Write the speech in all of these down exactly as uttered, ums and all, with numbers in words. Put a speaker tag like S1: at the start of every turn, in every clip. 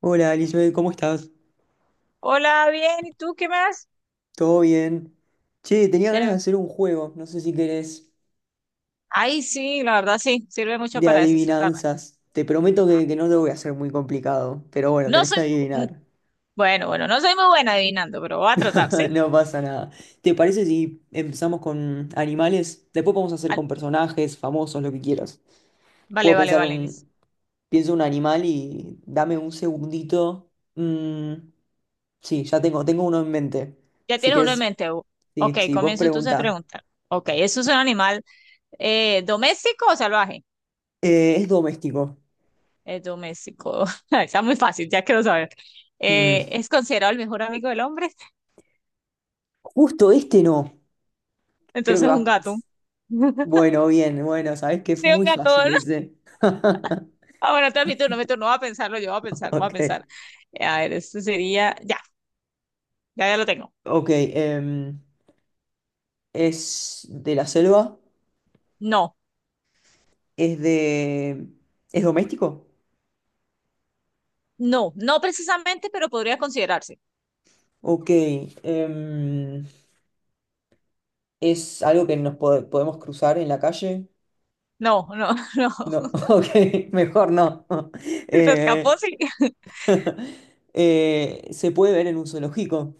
S1: Hola, Elizabeth, ¿cómo estás?
S2: Hola, bien, ¿y tú qué más?
S1: ¿Todo bien? Che, tenía ganas de
S2: Chévere.
S1: hacer un juego, no sé si querés,
S2: Ay, sí, la verdad sí, sirve mucho
S1: de
S2: para desestresarme.
S1: adivinanzas. Te prometo que, que no te voy a hacer muy complicado, pero bueno,
S2: No
S1: tenés
S2: soy,
S1: que
S2: mm,
S1: adivinar.
S2: bueno, bueno, No soy muy buena adivinando, pero voy a tratar, ¿sí?
S1: No pasa nada. ¿Te parece si empezamos con animales? Después podemos hacer
S2: Ah,
S1: con personajes, famosos, lo que quieras.
S2: Vale,
S1: Puedo
S2: vale,
S1: pensar
S2: vale. Liz.
S1: un... Pienso un animal y dame un segundito. Mm, sí, ya tengo, tengo uno en mente.
S2: Ya
S1: Si
S2: tienes uno en
S1: querés,
S2: mente. Hugo.
S1: sí,
S2: Ok,
S1: sí, vos
S2: comienzo entonces a
S1: preguntá.
S2: preguntar. Ok, ¿eso es un animal eh, doméstico o salvaje?
S1: Eh, ¿es doméstico?
S2: Es doméstico. Ay, está muy fácil, ya quiero saber.
S1: Mm.
S2: Eh, ¿es considerado el mejor amigo del hombre?
S1: Justo este no. Creo que
S2: Entonces un
S1: va.
S2: gato.
S1: Bueno, bien, bueno, sabés que es
S2: Sí, un
S1: muy
S2: gato.
S1: fácil ese.
S2: Ah, bueno, entonces mi turno, mi turno. Voy a pensarlo, yo voy a pensar, voy a
S1: Ok.
S2: pensar. Eh, A ver, esto sería. Ya, ya, ya lo tengo.
S1: Ok. Em, ¿es de la selva?
S2: No,
S1: ¿Es de. ¿Es doméstico?
S2: no, no precisamente, pero podría considerarse.
S1: Ok. em, ¿Es algo que nos po- podemos cruzar en la calle?
S2: No, no, no.
S1: No. Ok, mejor no.
S2: Si se escapó,
S1: Eh,
S2: sí.
S1: eh, ¿se puede ver en un zoológico?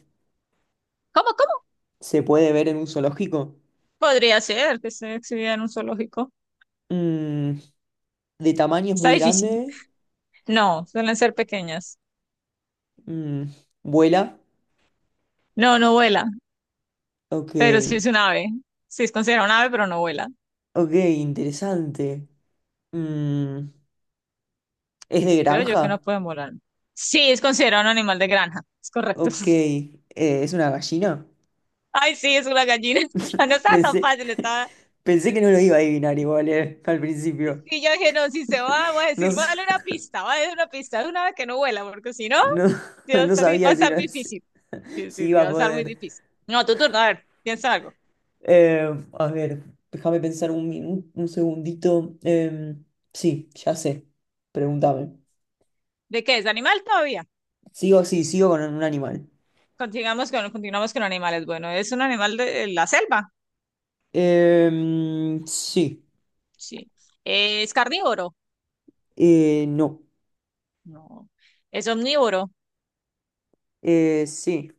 S2: ¿Cómo, cómo?
S1: ¿Se puede ver en un zoológico?
S2: Podría ser que se exhibida en un zoológico.
S1: Mm, ¿De tamaño es
S2: Está
S1: muy
S2: difícil.
S1: grande?
S2: No, suelen ser pequeñas.
S1: Mm, ¿Vuela?
S2: No, no vuela,
S1: Ok,
S2: pero sí es un ave. Sí es considerado un ave, pero no vuela.
S1: ok, interesante. Mm, ¿Es de
S2: Creo yo que no
S1: granja?
S2: pueden volar. Sí, es considerado un animal de granja. Es correcto.
S1: Ok, eh, ¿es una gallina?
S2: Ay, sí, es una gallina. No estaba tan
S1: Pensé,
S2: fácil, estaba.
S1: pensé que no lo iba a adivinar igual, eh, al principio.
S2: Y yo dije, no, si se va, voy a
S1: No,
S2: decir, voy a
S1: s-
S2: darle una pista, voy a darle una pista de una vez que no vuela, porque si no,
S1: no,
S2: sí va a
S1: no
S2: estar, di- va a
S1: sabía si,
S2: estar
S1: lo- si
S2: difícil. Sí,
S1: si
S2: sí, sí,
S1: iba a
S2: va a estar muy
S1: poder.
S2: difícil. No, tu turno, a ver, piensa algo.
S1: Eh, a ver, déjame pensar un, minu- un segundito. Em, sí, ya sé. Pregúntame.
S2: ¿De qué es? ¿Animal todavía?
S1: Sigo, sí, sigo con un animal.
S2: Continuamos con, continuamos con animales. Bueno, ¿es un animal de, de la selva?
S1: Em, sí.
S2: Sí. ¿Es carnívoro?
S1: Eh, no.
S2: No. ¿Es omnívoro?
S1: Eh, sí,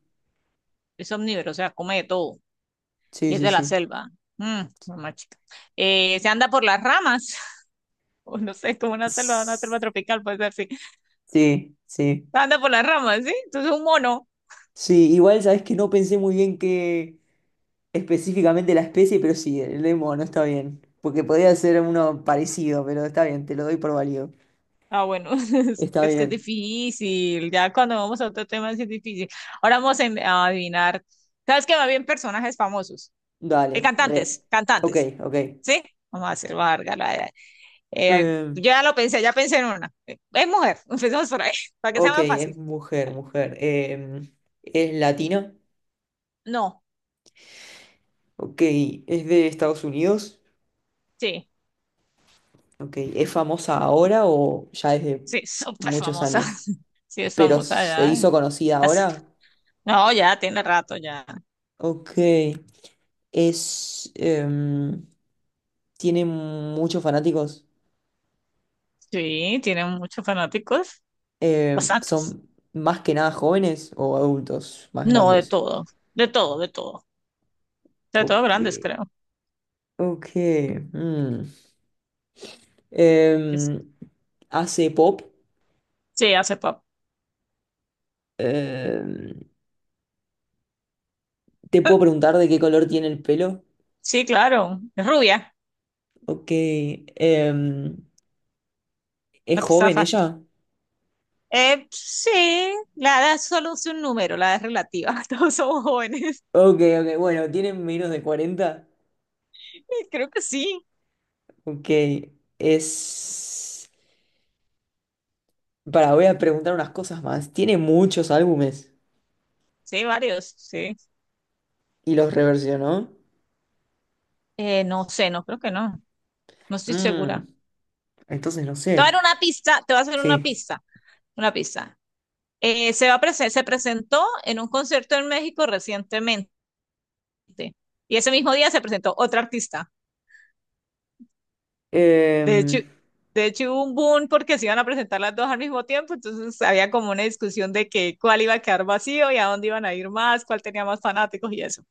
S2: Es omnívoro, o sea, come de todo.
S1: sí,
S2: Y es
S1: sí,
S2: de la
S1: sí.
S2: selva. Mm, mamá chica. Eh, ¿se anda por las ramas? o no sé, como una selva, una
S1: S-
S2: selva tropical, puede ser, sí.
S1: Sí, sí.
S2: Se anda por las ramas, ¿sí? Entonces es un mono.
S1: Sí, igual sabes que no pensé muy bien que específicamente la especie, pero sí, el lemo no está bien. Porque podría ser uno parecido, pero está bien, te lo doy por válido.
S2: Ah, bueno, es,
S1: Está
S2: es que es
S1: bien.
S2: difícil. Ya cuando vamos a otro tema sí es difícil. Ahora vamos a, a adivinar. ¿Sabes qué? Va bien personajes famosos. Eh,
S1: Dale, re.
S2: cantantes,
S1: Ok,
S2: cantantes.
S1: ok.
S2: ¿Sí? Vamos a hacer larga. La- la- eh,
S1: Eh,
S2: yo ya lo pensé, ya pensé en una. Eh, Es mujer, empecemos por ahí, para que sea
S1: ok,
S2: más
S1: es
S2: fácil.
S1: mujer,
S2: Dale.
S1: mujer. Eh, es latina.
S2: No,
S1: Ok, es de Estados Unidos.
S2: sí,
S1: Ok, ¿es famosa ahora o ya desde
S2: sí, súper
S1: muchos
S2: famosa.
S1: años?
S2: Sí, es
S1: Pero
S2: famosa
S1: se
S2: ya.
S1: hizo conocida
S2: Así-
S1: ahora.
S2: No, ya tiene rato ya.
S1: Ok, es, em, tiene muchos fanáticos.
S2: Sí, tiene muchos fanáticos,
S1: Em,
S2: bastantes.
S1: son más que nada jóvenes o adultos más
S2: No, de
S1: grandes.
S2: todo, de todo, de todo. Sobre todo
S1: Ok,
S2: grandes, creo.
S1: ok. mm.
S2: Es-
S1: Em, hace pop.
S2: Sí, hace pop.
S1: Em, te puedo preguntar de qué color tiene el pelo.
S2: Sí, claro. Es rubia.
S1: Ok, em, ¿es
S2: La pista
S1: joven
S2: fácil.
S1: ella?
S2: Eh, sí, la edad solo es un número, la edad es relativa. Todos somos jóvenes.
S1: Ok, ok, bueno, tiene menos de cuarenta.
S2: Creo que sí.
S1: Ok, es... Para, voy a preguntar unas cosas más. Tiene muchos álbumes
S2: Sí, varios, sí.
S1: y los reversionó.
S2: Eh, no sé, no creo que no. No estoy
S1: Mm,
S2: segura.
S1: entonces no
S2: Te voy a
S1: sé.
S2: dar una pista, te voy a hacer una
S1: Sí.
S2: pista. Una pista. Eh, se va a presen- se presentó en un concierto en México recientemente. Y ese mismo día se presentó otra artista. De hecho,
S1: Em,
S2: de hecho hubo un boom porque se iban a presentar las dos al mismo tiempo, entonces había como una discusión de que cuál iba a quedar vacío y a dónde iban a ir más, cuál tenía más fanáticos y eso.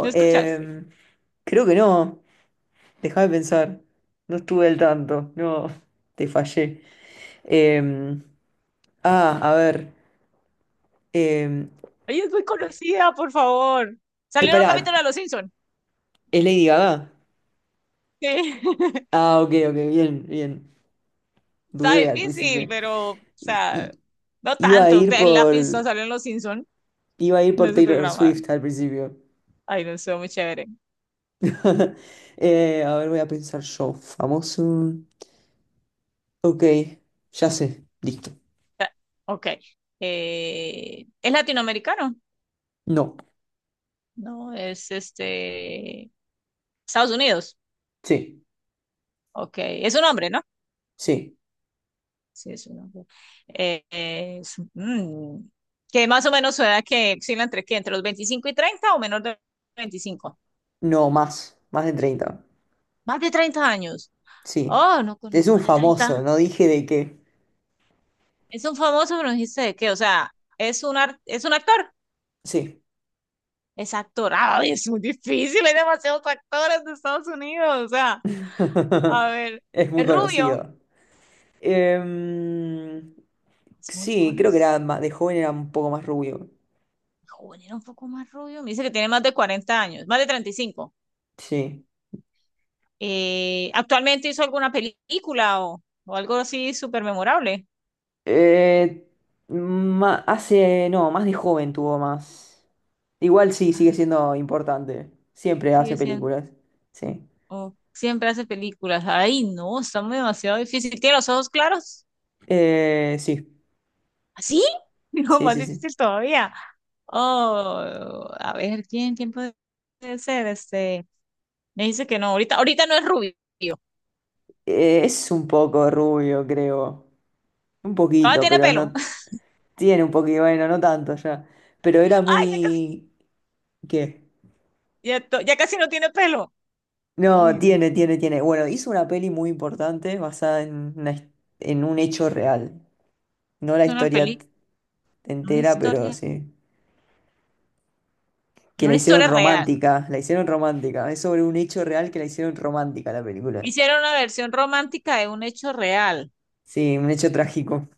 S2: ¿No escuchaste?
S1: em, creo que no. Dejá de pensar. No estuve al tanto. No, te fallé. Em, ah, a ver. Em,
S2: Ella es muy conocida, por favor.
S1: eh,
S2: Salió en un
S1: pará,
S2: capítulo de Los Simpson.
S1: ¿es Lady Gaga?
S2: Sí.
S1: Ah, ok, ok, bien, bien.
S2: Está
S1: Dudé al
S2: difícil,
S1: principio.
S2: pero, o
S1: I-
S2: sea,
S1: i-
S2: no
S1: Iba a
S2: tanto.
S1: ir
S2: El
S1: por,
S2: pista salió en Los Simpson
S1: iba a ir
S2: en
S1: por
S2: ese
S1: Taylor
S2: programa.
S1: Swift al principio.
S2: Ay, no estuvo muy chévere.
S1: Eh, a ver, voy a pensar yo. Famoso. Ok, ya sé. Listo.
S2: Ok. Eh, ¿es latinoamericano?
S1: No.
S2: No, es este... Estados Unidos.
S1: Sí,
S2: Ok, es un hombre, ¿no?
S1: sí.
S2: Sí, es un hombre. Eh, eh, es- mm, que más o menos su edad que oscila entre qué, entre los veinticinco y treinta o menor de veinticinco.
S1: No, más. Más de treinta.
S2: Más de treinta años.
S1: Sí.
S2: Oh, no, con-
S1: Es un
S2: más de
S1: famoso,
S2: treinta.
S1: no dije de qué.
S2: Es un famoso, pero no dijiste de qué, o sea, es un, ar- es un actor.
S1: Sí.
S2: Es actor. Ay, es muy difícil, hay demasiados actores de Estados Unidos, o sea, a ver,
S1: Es muy
S2: es rubio.
S1: conocido. Em,
S2: Es muy
S1: sí, creo que
S2: conocido.
S1: era ma- de joven era un poco más rubio.
S2: Joven, era un poco más rubio. Me dice que tiene más de cuarenta años, más de treinta y cinco.
S1: Sí.
S2: Eh, ¿actualmente hizo alguna película o, o algo así súper memorable?
S1: Eh, ma- hace, no, más de joven tuvo más. Igual sí,
S2: Ah,
S1: sigue siendo importante. Siempre hace
S2: sigue siendo,
S1: películas. Sí.
S2: o siempre hace películas. Ay, no, está muy demasiado difícil. ¿Tiene los ojos claros?
S1: Eh, sí,
S2: ¿Así? No,
S1: sí,
S2: más
S1: sí, sí.
S2: difícil todavía. Oh, a ver, ¿quién, quién puede ser? Este, me dice que no, ahorita, ahorita no es rubio.
S1: Eh, es un poco rubio, creo. Un
S2: Todavía
S1: poquito,
S2: tiene
S1: pero
S2: pelo.
S1: no. t- Tiene un poquito, bueno, no tanto ya. Pero era
S2: Ay, ya casi,
S1: muy... ¿Qué?
S2: ya, to- ya casi no tiene pelo.
S1: No,
S2: Ay, no.
S1: tiene, tiene, tiene. Bueno, hizo una peli muy importante basada en, una his- en un hecho real. No la
S2: Una
S1: historia
S2: película,
S1: t-
S2: una
S1: entera, pero
S2: historia,
S1: sí. Que la
S2: una
S1: hicieron
S2: historia real.
S1: romántica, la hicieron romántica. Es sobre un hecho real que la hicieron romántica la película.
S2: Hicieron una versión romántica de un hecho real.
S1: Sí, un hecho trágico.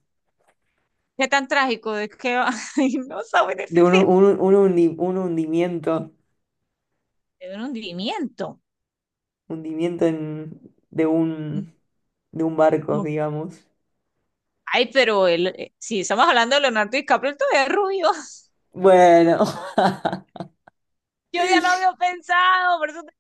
S2: ¿Qué tan trágico? Es que ay, no sabe
S1: De un,
S2: decir.
S1: un- un hundi- un hundimiento,
S2: Es un hundimiento.
S1: hundimiento en- de un, de un barco,
S2: No.
S1: digamos.
S2: Ay, pero él eh, si estamos hablando de Leonardo DiCaprio, él todavía es rubio.
S1: Bueno,
S2: Yo ya lo había pensado, por eso te-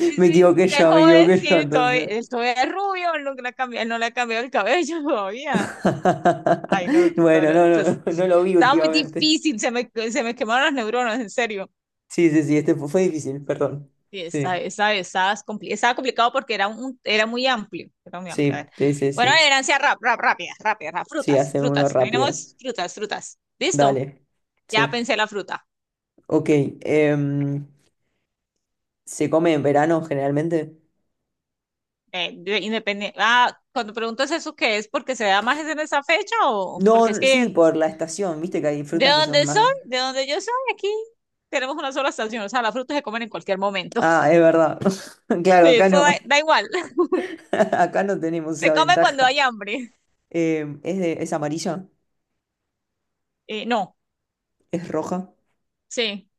S2: me
S1: me
S2: dicen,
S1: equivoqué
S2: de
S1: yo, me
S2: joven,
S1: equivoqué yo
S2: sí, todavía,
S1: entonces.
S2: él todavía es rubio, él no le ha cambiado, él no le ha cambiado el cabello todavía. Ay, no, no,
S1: Bueno,
S2: no,
S1: no,
S2: entonces,
S1: no, no, no lo vi
S2: estaba muy
S1: últimamente.
S2: difícil, se me, se me quemaron las neuronas, en serio.
S1: Sí, sí, sí, este fu- fue difícil,
S2: Sí,
S1: perdón.
S2: sí, esa,
S1: Sí,
S2: esa, esa es compli- estaba complicado porque era, un, era muy amplio, era muy amplio. A
S1: sí,
S2: ver.
S1: sí, sí,
S2: Bueno,
S1: sí.
S2: la herencia rap, rap, rápida, rápida, rap.
S1: Sí,
S2: Frutas,
S1: hacemos uno
S2: frutas.
S1: rápido.
S2: Tenemos frutas, frutas. ¿Listo?
S1: Dale,
S2: Ya
S1: sí,
S2: pensé la fruta.
S1: ok. em, ¿Se come en verano generalmente?
S2: Eh, independiente. Ah, cuando preguntas eso, ¿qué es? ¿Porque se da más en esa fecha o
S1: No,
S2: porque es
S1: n-
S2: que
S1: sí, por la estación, viste que hay
S2: de
S1: frutas que son
S2: dónde soy,
S1: más...
S2: de dónde yo soy, aquí tenemos una sola estación. O sea, las frutas se comen en cualquier momento.
S1: Ah, es verdad. Claro,
S2: Sí,
S1: acá
S2: eso da,
S1: no,
S2: da igual.
S1: acá no tenemos esa
S2: Se come cuando
S1: ventaja.
S2: hay hambre.
S1: Em, es de, es amarilla,
S2: Eh, no,
S1: es roja,
S2: sí,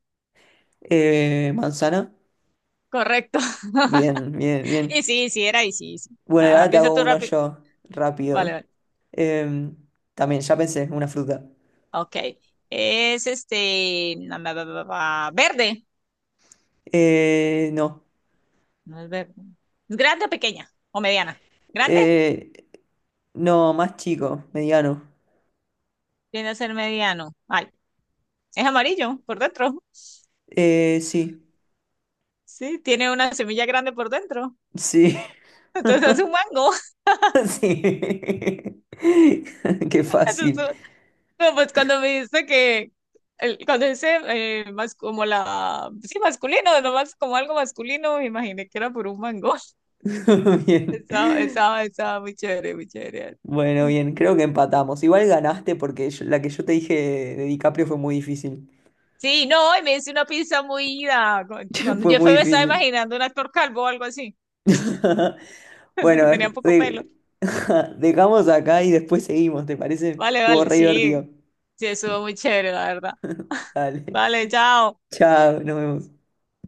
S1: eh, manzana.
S2: correcto.
S1: Bien, bien, bien.
S2: Y sí, sí, era y sí, sí.
S1: Bueno, y
S2: Ah,
S1: ahora te
S2: piensa
S1: hago
S2: tú
S1: uno
S2: rápido.
S1: yo,
S2: Vale,
S1: rápido.
S2: vale.
S1: Em, también, ya pensé, una fruta.
S2: Ok. Es este. Na, na, na, na, na, verde.
S1: Eh, no,
S2: No es verde. ¿Es grande o pequeña? ¿O mediana? ¿Grande?
S1: eh, no, más chico, mediano.
S2: Tiene a ser mediano. Ay, es amarillo por dentro.
S1: Eh, sí.
S2: Sí, tiene una semilla grande por dentro.
S1: Sí,
S2: Entonces es un mango.
S1: sí. Qué
S2: Entonces,
S1: fácil.
S2: no, pues cuando me dice que. el- Cuando dice eh, más como la. Sí, masculino, nomás como algo masculino, me imaginé que era por un mango.
S1: Bien.
S2: Estaba, estaba, estaba muy chévere, muy chévere.
S1: Bueno, bien, creo que empatamos. Igual ganaste porque yo- la que yo te dije de DiCaprio fue muy difícil.
S2: Sí, no, y me hice una pizza muy ida. cu- Cuando
S1: Fue
S2: yo fui,
S1: muy
S2: me estaba
S1: difícil.
S2: imaginando un actor calvo o algo así,
S1: Bueno,
S2: que tenía poco pelo.
S1: de- dejamos acá y después seguimos, ¿te parece?
S2: Vale,
S1: Estuvo
S2: vale,
S1: re
S2: sí,
S1: divertido.
S2: sí, estuvo muy chévere, la verdad.
S1: Dale.
S2: Vale, chao.
S1: Chao, nos vemos.